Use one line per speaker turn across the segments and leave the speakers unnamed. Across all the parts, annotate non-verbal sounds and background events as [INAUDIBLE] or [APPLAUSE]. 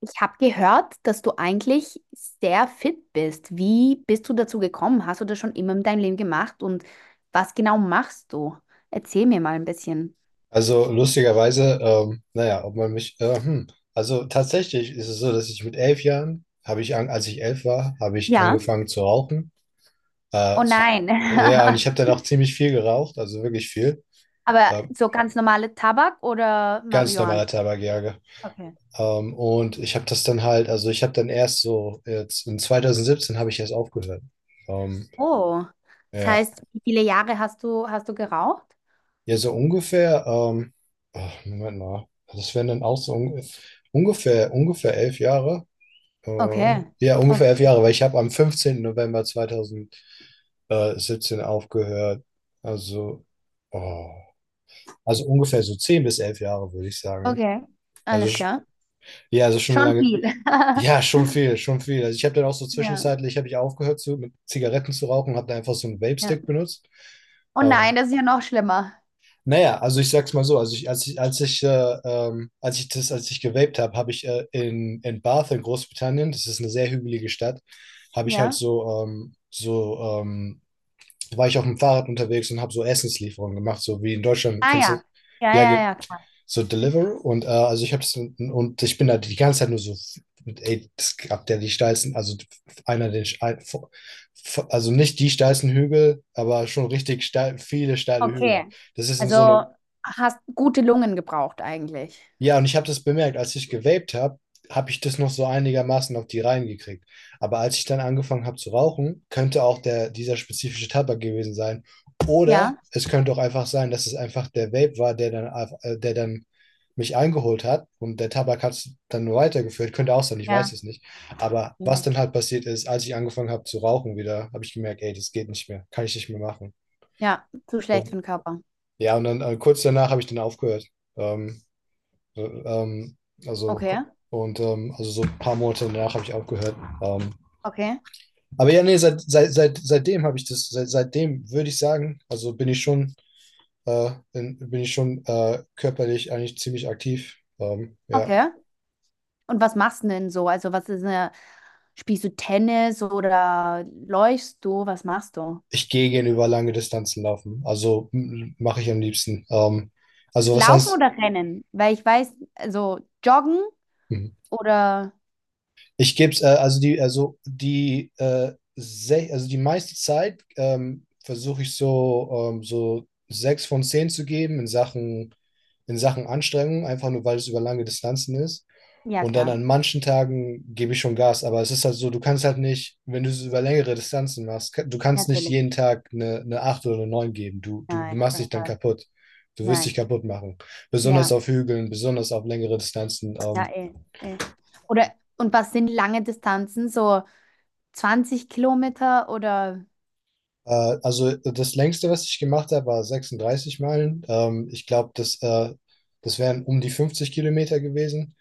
Ich habe gehört, dass du eigentlich sehr fit bist. Wie bist du dazu gekommen? Hast du das schon immer in deinem Leben gemacht? Und was genau machst du? Erzähl mir mal ein bisschen.
Also lustigerweise, naja, ob man mich, Also tatsächlich ist es so, dass ich mit 11 Jahren, als ich 11 war, habe ich
Ja.
angefangen zu rauchen.
Oh
Äh, zu,
nein.
ja, und ich habe dann
[LAUGHS]
auch ziemlich viel geraucht, also wirklich viel.
Aber
Äh,
so ganz normale Tabak oder
ganz
Marihuana?
normaler Tabakjäger.
Okay.
Und ich habe das dann halt, also ich habe dann erst so, jetzt in 2017 habe ich erst aufgehört. Ähm,
Oh. Das
ja,
heißt, wie viele Jahre hast du geraucht?
ja, so ungefähr, ach, Moment mal, das wären dann auch ungefähr ungefähr 11 Jahre.
Okay.
Ja, ungefähr
Okay.
11 Jahre, weil ich habe am 15. November 2017 aufgehört. Also, oh, also ungefähr so 10 bis 11 Jahre, würde ich sagen.
Okay.
Also,
Alles
sch-
klar.
ja, also schon
Schon
lange,
viel. [LAUGHS]
ja, schon viel, schon viel. Also ich habe dann auch so
Ja,
zwischenzeitlich, habe ich aufgehört zu, mit Zigaretten zu rauchen, habe dann einfach so einen
ja.
Vape-Stick benutzt.
Oh
Ähm,
nein, das ist ja noch schlimmer.
Naja, also ich sag's mal so, also ich, als ich das, als ich gewaped habe, habe ich in Bath in Großbritannien, das ist eine sehr hügelige Stadt, habe ich halt
Ja.
so, so, war ich auf dem Fahrrad unterwegs und habe so Essenslieferungen gemacht, so wie in Deutschland,
Ah
kennst du,
ja. Ja,
ja,
ja, ja.
so Deliveroo und also ich habe das und ich bin da die ganze Zeit nur so, ey, das gab der die steilsten, also einer der, ein- vor- vor- also nicht die steilsten Hügel, aber schon richtig steil, viele steile Hügel.
Okay.
Das ist in so
Also
einem.
hast gute Lungen gebraucht eigentlich.
Ja, und ich habe das bemerkt, als ich gewaped habe, habe ich das noch so einigermaßen auf die Reihen gekriegt. Aber als ich dann angefangen habe zu rauchen, könnte auch der, dieser spezifische Tabak gewesen sein.
Ja,
Oder es könnte auch einfach sein, dass es einfach der Vape war, der dann, der dann mich eingeholt hat und der Tabak hat es dann nur weitergeführt. Könnte auch sein, ich weiß
ja,
es nicht. Aber was dann
vielleicht.
halt passiert ist, als ich angefangen habe zu rauchen wieder, habe ich gemerkt, ey, das geht nicht mehr, kann ich nicht mehr machen.
Ja, zu schlecht für
Und
den Körper.
ja, und dann kurz danach habe ich dann aufgehört. Ähm, äh, Ähm, also,
Okay,
also so ein paar Monate danach habe ich aufgehört. Ähm,
okay,
aber ja, nee, seitdem habe ich das, seitdem würde ich sagen, also bin ich schon, bin ich schon körperlich eigentlich ziemlich aktiv. Ja.
okay. Und was machst du denn so? Also was ist spielst du Tennis oder läufst du? Was machst du?
Ich gehe gerne über lange Distanzen laufen. Also mache ich am liebsten. Also was
Laufen
heißt,
oder rennen? Weil ich weiß, also joggen
hm,
oder
Ich gebe es, also die meiste Zeit versuche ich so, so 6 von 10 zu geben in Sachen Anstrengung, einfach nur weil es über lange Distanzen ist.
ja
Und dann
klar,
an manchen Tagen gebe ich schon Gas, aber es ist halt so, du kannst halt nicht, wenn du es über längere Distanzen machst, du kannst nicht
natürlich.
jeden Tag eine 8 oder eine 9 geben. Du
Nein, auf
machst
jeden
dich dann
Fall.
kaputt. Du wirst dich
Nein.
kaputt machen. Besonders
Ja,
auf Hügeln, besonders auf längere Distanzen.
ja, eh, eh. Oder und was sind lange Distanzen? So 20 Kilometer oder
Das längste, was ich gemacht habe, war 36 Meilen. Ich glaube, das wären um die 50 Kilometer gewesen.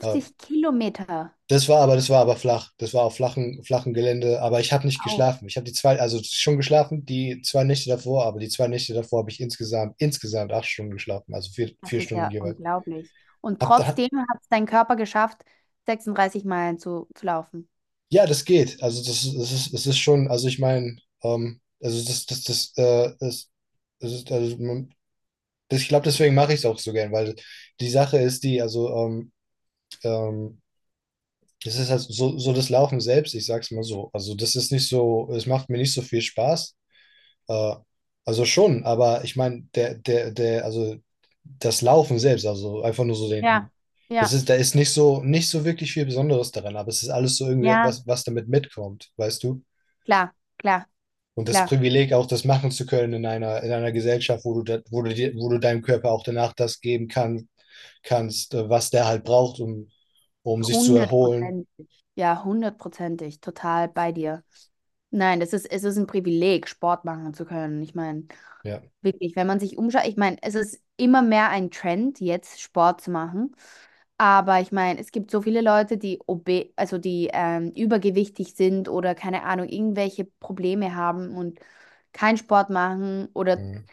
Äh,
Kilometer.
das war aber flach. Das war auf flachen, flachen Gelände. Aber ich habe nicht
Au,
geschlafen. Ich habe die zwei, also schon geschlafen, die 2 Nächte davor, aber die 2 Nächte davor habe ich insgesamt 8 Stunden geschlafen, also vier,
das
vier
ist
Stunden
ja
jeweils.
unglaublich. Und
Hab, hab,
trotzdem hat es dein Körper geschafft, 36 Meilen zu laufen.
ja, das geht. Das ist schon, also ich meine, das, das ist, also man, das, ich glaube, deswegen mache ich es auch so gern, weil die Sache ist die, ähm, das ist halt so, so das Laufen selbst, ich sag's mal so. Also das ist nicht so, es macht mir nicht so viel Spaß. Äh, also schon, aber ich meine, der, der, der, also das Laufen selbst, also einfach nur so
Ja,
den, das
ja,
ist, da ist nicht so, nicht so wirklich viel Besonderes daran, aber es ist alles so irgendwie
ja,
was, was damit mitkommt, weißt du?
klar, klar,
Und das
klar.
Privileg auch das machen zu können in einer Gesellschaft, wo du, da, wo, du dir, wo du deinem Körper auch danach das geben kann, kannst, was der halt braucht, um, um sich zu erholen.
Hundertprozentig. Ja, hundertprozentig. Total bei dir. Nein, das ist, es ist ein Privileg, Sport machen zu können. Ich meine,
Ja.
wirklich, wenn man sich umschaut, ich meine, es ist immer mehr ein Trend, jetzt Sport zu machen. Aber ich meine, es gibt so viele Leute, also die übergewichtig sind oder keine Ahnung, irgendwelche Probleme haben und keinen Sport machen oder
Mhm.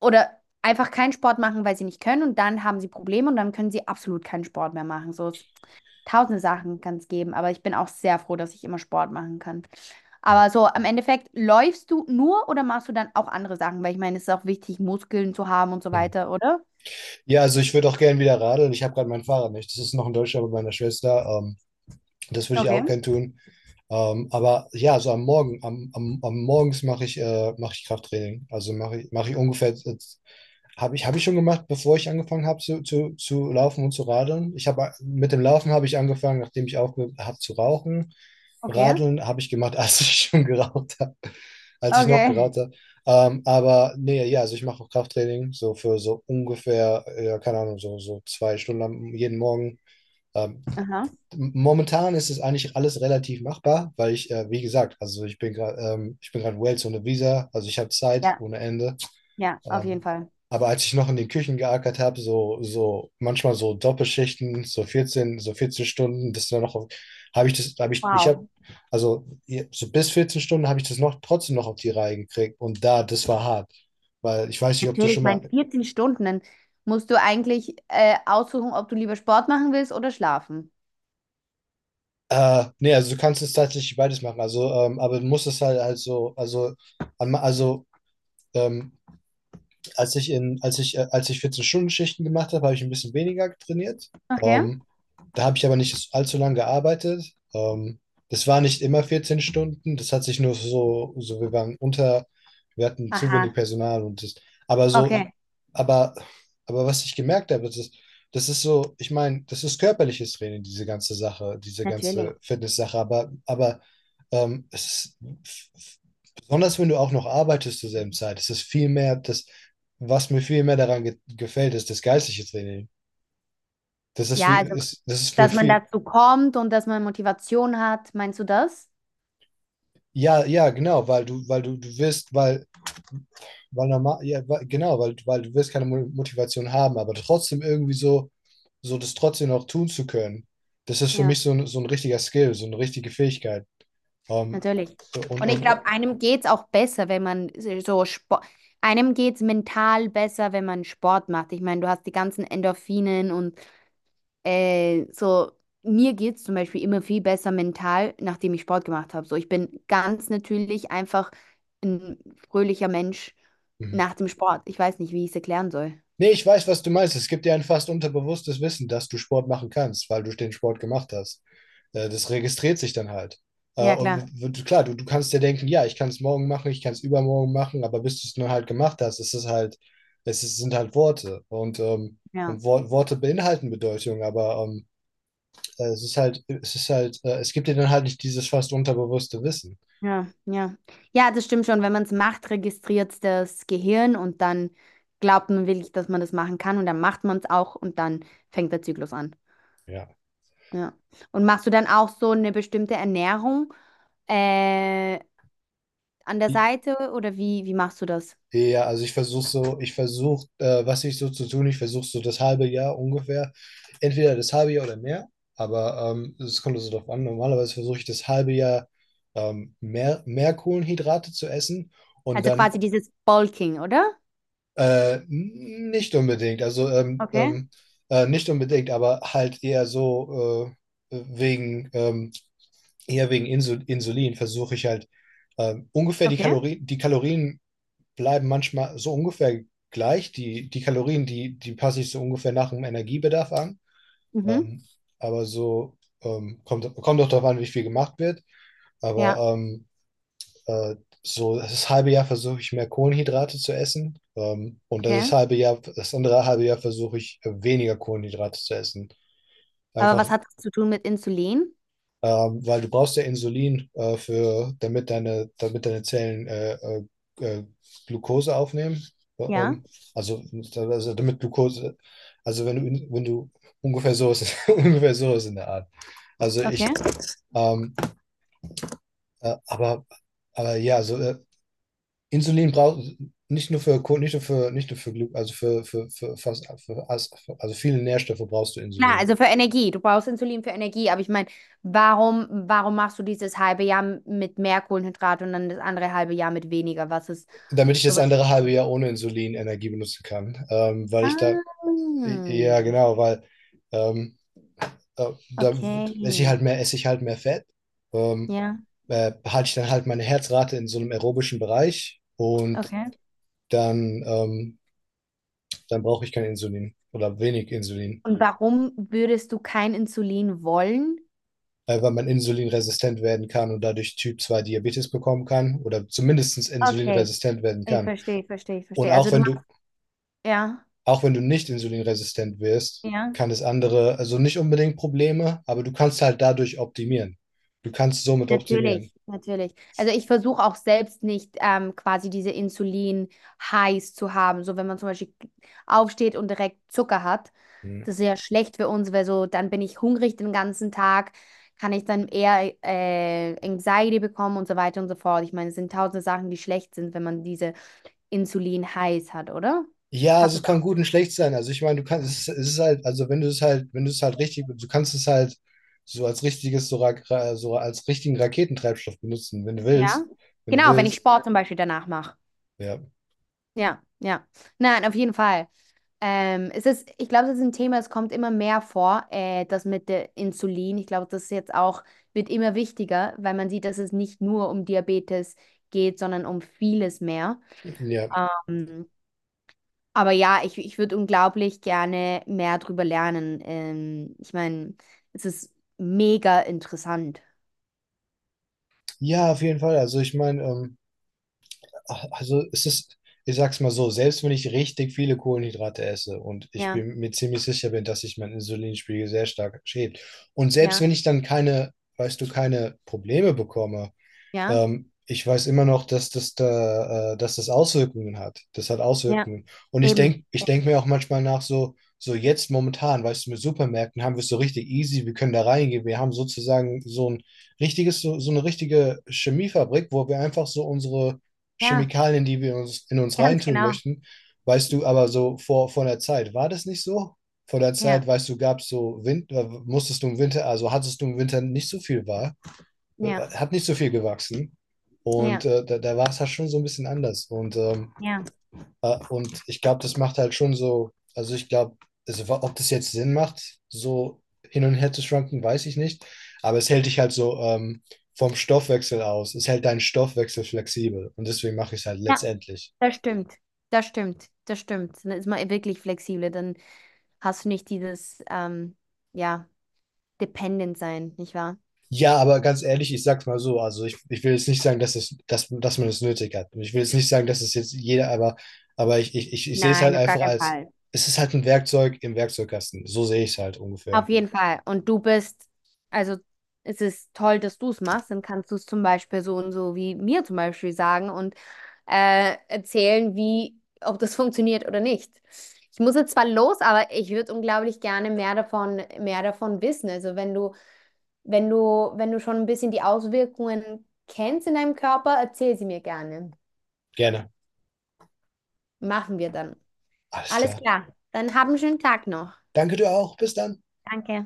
oder einfach keinen Sport machen, weil sie nicht können und dann haben sie Probleme und dann können sie absolut keinen Sport mehr machen. So tausende Sachen kann es geben, aber ich bin auch sehr froh, dass ich immer Sport machen kann. Aber so im Endeffekt, läufst du nur oder machst du dann auch andere Sachen? Weil ich meine, es ist auch wichtig, Muskeln zu haben und so
Mhm.
weiter, oder?
Ja, also ich würde auch gerne wieder radeln. Ich habe gerade mein Fahrrad nicht. Das ist noch in Deutschland bei meiner Schwester. Das würde ich
Okay,
auch gerne tun. Aber ja, so am Morgen, am Morgens mache ich, mach ich Krafttraining. Also mache ich, mach ich ungefähr habe ich, hab ich schon gemacht, bevor ich angefangen habe zu, laufen und zu radeln. Ich habe mit dem Laufen habe ich angefangen, nachdem ich aufgehört habe zu rauchen.
okay,
Radeln habe ich gemacht, [LAUGHS] als ich schon geraucht habe, als ich noch
okay.
geraucht habe. Aber nee, ja, also ich mache auch Krafttraining, so für so ungefähr, ja, keine Ahnung, so, so 2 Stunden jeden Morgen. Ähm,
Aha.
momentan ist es eigentlich alles relativ machbar, weil ich, wie gesagt, also ich bin gerade Wales ohne Visa, also ich habe Zeit
Ja,
ohne Ende.
ja, auf jeden
Ähm,
Fall.
aber als ich noch in den Küchen geackert habe, so, so manchmal so Doppelschichten, so 14, so 14 Stunden, das dann noch, habe ich das, habe ich, ich habe,
Wow.
also so bis 14 Stunden habe ich das noch trotzdem noch auf die Reihe gekriegt. Und da, das war hart. Weil ich weiß nicht, ob du
Natürlich, ich
schon
meine,
mal,
14 Stunden, dann musst du eigentlich aussuchen, ob du lieber Sport machen willst oder schlafen.
nee, also du kannst es tatsächlich beides machen. Also, aber du musst es halt, halt so, also, am- also, ähm, als ich in, als ich 14-Stunden-Schichten gemacht habe, habe ich ein bisschen weniger trainiert.
Okay.
Ähm, da habe ich aber nicht allzu lange gearbeitet. Ähm, das war nicht immer 14 Stunden. Das hat sich nur so, so wir waren unter, wir hatten zu wenig
Aha.
Personal und das, aber so,
Okay.
aber, aber was ich gemerkt habe, das ist so, ich meine, das ist körperliches Training, diese ganze Sache, diese
Natürlich.
ganze Fitness-Sache, aber es ist, besonders wenn du auch noch arbeitest zur selben Zeit, es ist viel mehr, das, was mir viel mehr daran ge gefällt, ist das geistliche Training. Das ist wie,
Ja, also,
ist, das ist mir
dass man
viel.
dazu kommt und dass man Motivation hat. Meinst du das?
Ja, ja, genau, weil du wirst, weil, weil normal, ja, weil, genau, weil, weil du wirst keine Motivation haben, aber trotzdem irgendwie so, so das trotzdem noch tun zu können. Das ist für
Ja,
mich so ein richtiger Skill, so eine richtige Fähigkeit. Ähm,
natürlich.
und,
Und ich
und, und,
glaube, einem geht's auch besser, wenn man so Sport, einem geht's mental besser, wenn man Sport macht. Ich meine, du hast die ganzen Endorphinen und so. Mir geht's zum Beispiel immer viel besser mental, nachdem ich Sport gemacht habe. So, ich bin ganz natürlich einfach ein fröhlicher Mensch
mhm.
nach dem Sport. Ich weiß nicht, wie ich es erklären soll.
Nee, ich weiß, was du meinst. Es gibt dir ein fast unterbewusstes Wissen, dass du Sport machen kannst, weil du den Sport gemacht hast. Das registriert sich dann halt. Äh,
Ja,
und
klar.
klar, du kannst dir denken, ja, ich kann es morgen machen, ich kann es übermorgen machen, aber bis du es nur halt gemacht hast, ist es halt, es ist, sind halt Worte. Und, ähm,
Ja.
und Worte beinhalten Bedeutung, aber es ist halt, es ist halt, es gibt dir dann halt nicht dieses fast unterbewusste Wissen.
Ja, ja. Ja, das stimmt schon. Wenn man es macht, registriert das Gehirn und dann glaubt man wirklich, dass man das machen kann und dann macht man es auch und dann fängt der Zyklus an.
Ja.
Ja. Und machst du dann auch so eine bestimmte Ernährung äh, an der Seite oder wie machst du das?
Ja, also ich versuche so, ich versuche, was ich so zu tun, ich versuche so das halbe Jahr ungefähr, entweder das halbe Jahr oder mehr, aber es kommt also darauf an. Normalerweise versuche ich das halbe Jahr mehr, mehr Kohlenhydrate zu essen und
Also
dann
quasi dieses Bulking, oder?
nicht unbedingt, also
Okay,
nicht unbedingt, aber halt eher so äh, wegen, ähm, eher wegen Insulin versuche ich halt ungefähr
okay,
Die Kalorien bleiben manchmal so ungefähr gleich. Die, die Kalorien, die, die passe ich so ungefähr nach dem Energiebedarf an.
mhm,
Ähm, aber so kommt, kommt auch darauf an, wie viel gemacht wird.
ja.
Aber ähm, äh, so das halbe Jahr versuche ich mehr Kohlenhydrate zu essen. Und
Okay.
das halbe Jahr, das andere halbe Jahr versuche ich weniger Kohlenhydrate zu essen.
Aber
Einfach
was hat das zu tun mit Insulin?
weil du brauchst ja Insulin, für, damit deine Zellen äh, Glucose aufnehmen. Äh,
Ja.
Ähm, Also, also damit Glucose, also wenn du, wenn du ungefähr so ist, [LAUGHS] ungefähr so ist in der Art. Also ich,
Okay.
ähm, äh, aber, aber ja, also Insulin braucht nicht nur für nicht nur für Glu also für, für fast für, also viele Nährstoffe brauchst du
Klar,
Insulin.
also für Energie. Du brauchst Insulin für Energie, aber ich meine, warum machst du dieses halbe Jahr mit mehr Kohlenhydrate und dann das andere halbe Jahr mit weniger? Was ist
Damit ich das
sowas?
andere halbe Jahr ohne Insulin Energie benutzen kann, weil ich da.
Ah,
Ja, genau, weil ähm, äh, da esse ich
okay.
halt mehr, esse ich halt mehr Fett, ähm,
Ja,
halte ich dann halt meine Herzrate in so einem aerobischen Bereich und
okay.
dann, dann brauche ich kein Insulin oder wenig Insulin,
Und warum würdest du kein Insulin wollen?
weil man insulinresistent werden kann und dadurch Typ 2 Diabetes bekommen kann oder zumindest
Okay,
insulinresistent werden
ich
kann.
verstehe, ich verstehe, ich
Und
verstehe. Also du machst, ja,
auch wenn du nicht insulinresistent wirst,
ja.
kann es andere, also nicht unbedingt Probleme, aber du kannst halt dadurch optimieren. Du kannst somit optimieren.
Natürlich, natürlich. Also ich versuche auch selbst nicht quasi diese Insulin-Highs zu haben. So wenn man zum Beispiel aufsteht und direkt Zucker hat,
Hm.
das ist ja schlecht für uns, weil so dann bin ich hungrig den ganzen Tag, kann ich dann eher Anxiety bekommen und so weiter und so fort. Ich meine, es sind tausende Sachen, die schlecht sind, wenn man diese Insulin-Highs hat, oder?
Ja,
Hat
also es
es
kann
auch,
gut und schlecht sein. Also ich meine, du kannst, es ist halt, also wenn du es halt, wenn du es halt richtig, du kannst es halt so als richtiges, so, so als richtigen Raketentreibstoff benutzen, wenn du
ja?
willst. Wenn du
Genau, wenn ich
willst.
Sport zum Beispiel danach mache.
Ja.
Ja, ja. Nein, auf jeden Fall. Es ist, ich glaube, das ist ein Thema, das kommt immer mehr vor, das mit der Insulin. Ich glaube, das ist jetzt auch, wird immer wichtiger, weil man sieht, dass es nicht nur um Diabetes geht, sondern um vieles mehr.
Ja.
Ähm, aber ja, ich würde unglaublich gerne mehr drüber lernen. Ich meine, es ist mega interessant.
Ja, auf jeden Fall. Also ich meine, ach, also es ist, ich sag's mal so, selbst wenn ich richtig viele Kohlenhydrate esse und ich
Ja,
bin mir ziemlich sicher bin, dass sich mein Insulinspiegel sehr stark schäbt. Und selbst
ja,
wenn ich dann keine, weißt du, keine Probleme bekomme,
ja,
Ich weiß immer noch, dass das da, dass das Auswirkungen hat. Das hat
ja,
Auswirkungen. Und ich
eben.
denke, ich denk mir auch manchmal nach, so, so jetzt momentan, weißt du, mit Supermärkten haben wir es so richtig easy, wir können da reingehen. Wir haben sozusagen so ein richtiges, so, so eine richtige Chemiefabrik, wo wir einfach so unsere
Ja,
Chemikalien, die wir uns in uns
[LAUGHS] ganz
reintun
genau.
möchten, weißt du, aber so vor, vor der Zeit, war das nicht so? Vor der Zeit,
Ja,
weißt du, gab es so Wind, musstest du im Winter, also hattest du im Winter nicht so viel Wahl?
ja,
Hat nicht so viel gewachsen. Und
ja,
da, da war es halt schon so ein bisschen anders. Und,
ja.
ich glaube, das macht halt schon so, also ich glaube, also, ob das jetzt Sinn macht, so hin und her zu schwanken, weiß ich nicht. Aber es hält dich halt so vom Stoffwechsel aus. Es hält deinen Stoffwechsel flexibel. Und deswegen mache ich es halt
Ja.
letztendlich.
Das stimmt, das stimmt, das stimmt. Dann ist man wirklich flexibel, dann hast du nicht dieses, ja, dependent sein, nicht wahr?
Ja, aber ganz ehrlich, ich sag's mal so, also ich will jetzt nicht sagen, dass es, dass, dass man es nötig hat. Und ich will jetzt nicht sagen, dass es jetzt jeder, aber ich, sehe es halt
Nein, auf gar
einfach
keinen
als,
Fall.
es ist halt ein Werkzeug im Werkzeugkasten. So sehe ich es halt ungefähr.
Auf jeden Fall. Und du bist, also es ist toll, dass du es machst, dann kannst du es zum Beispiel so und so wie mir zum Beispiel sagen und erzählen, ob das [LAUGHS] funktioniert oder nicht. Ich muss jetzt zwar los, aber ich würde unglaublich gerne mehr davon wissen. Also wenn du schon ein bisschen die Auswirkungen kennst in deinem Körper, erzähl sie mir gerne.
Gerne.
Machen wir dann.
Alles
Alles
klar.
klar. Dann hab einen schönen Tag noch.
Danke dir auch. Bis dann.
Danke.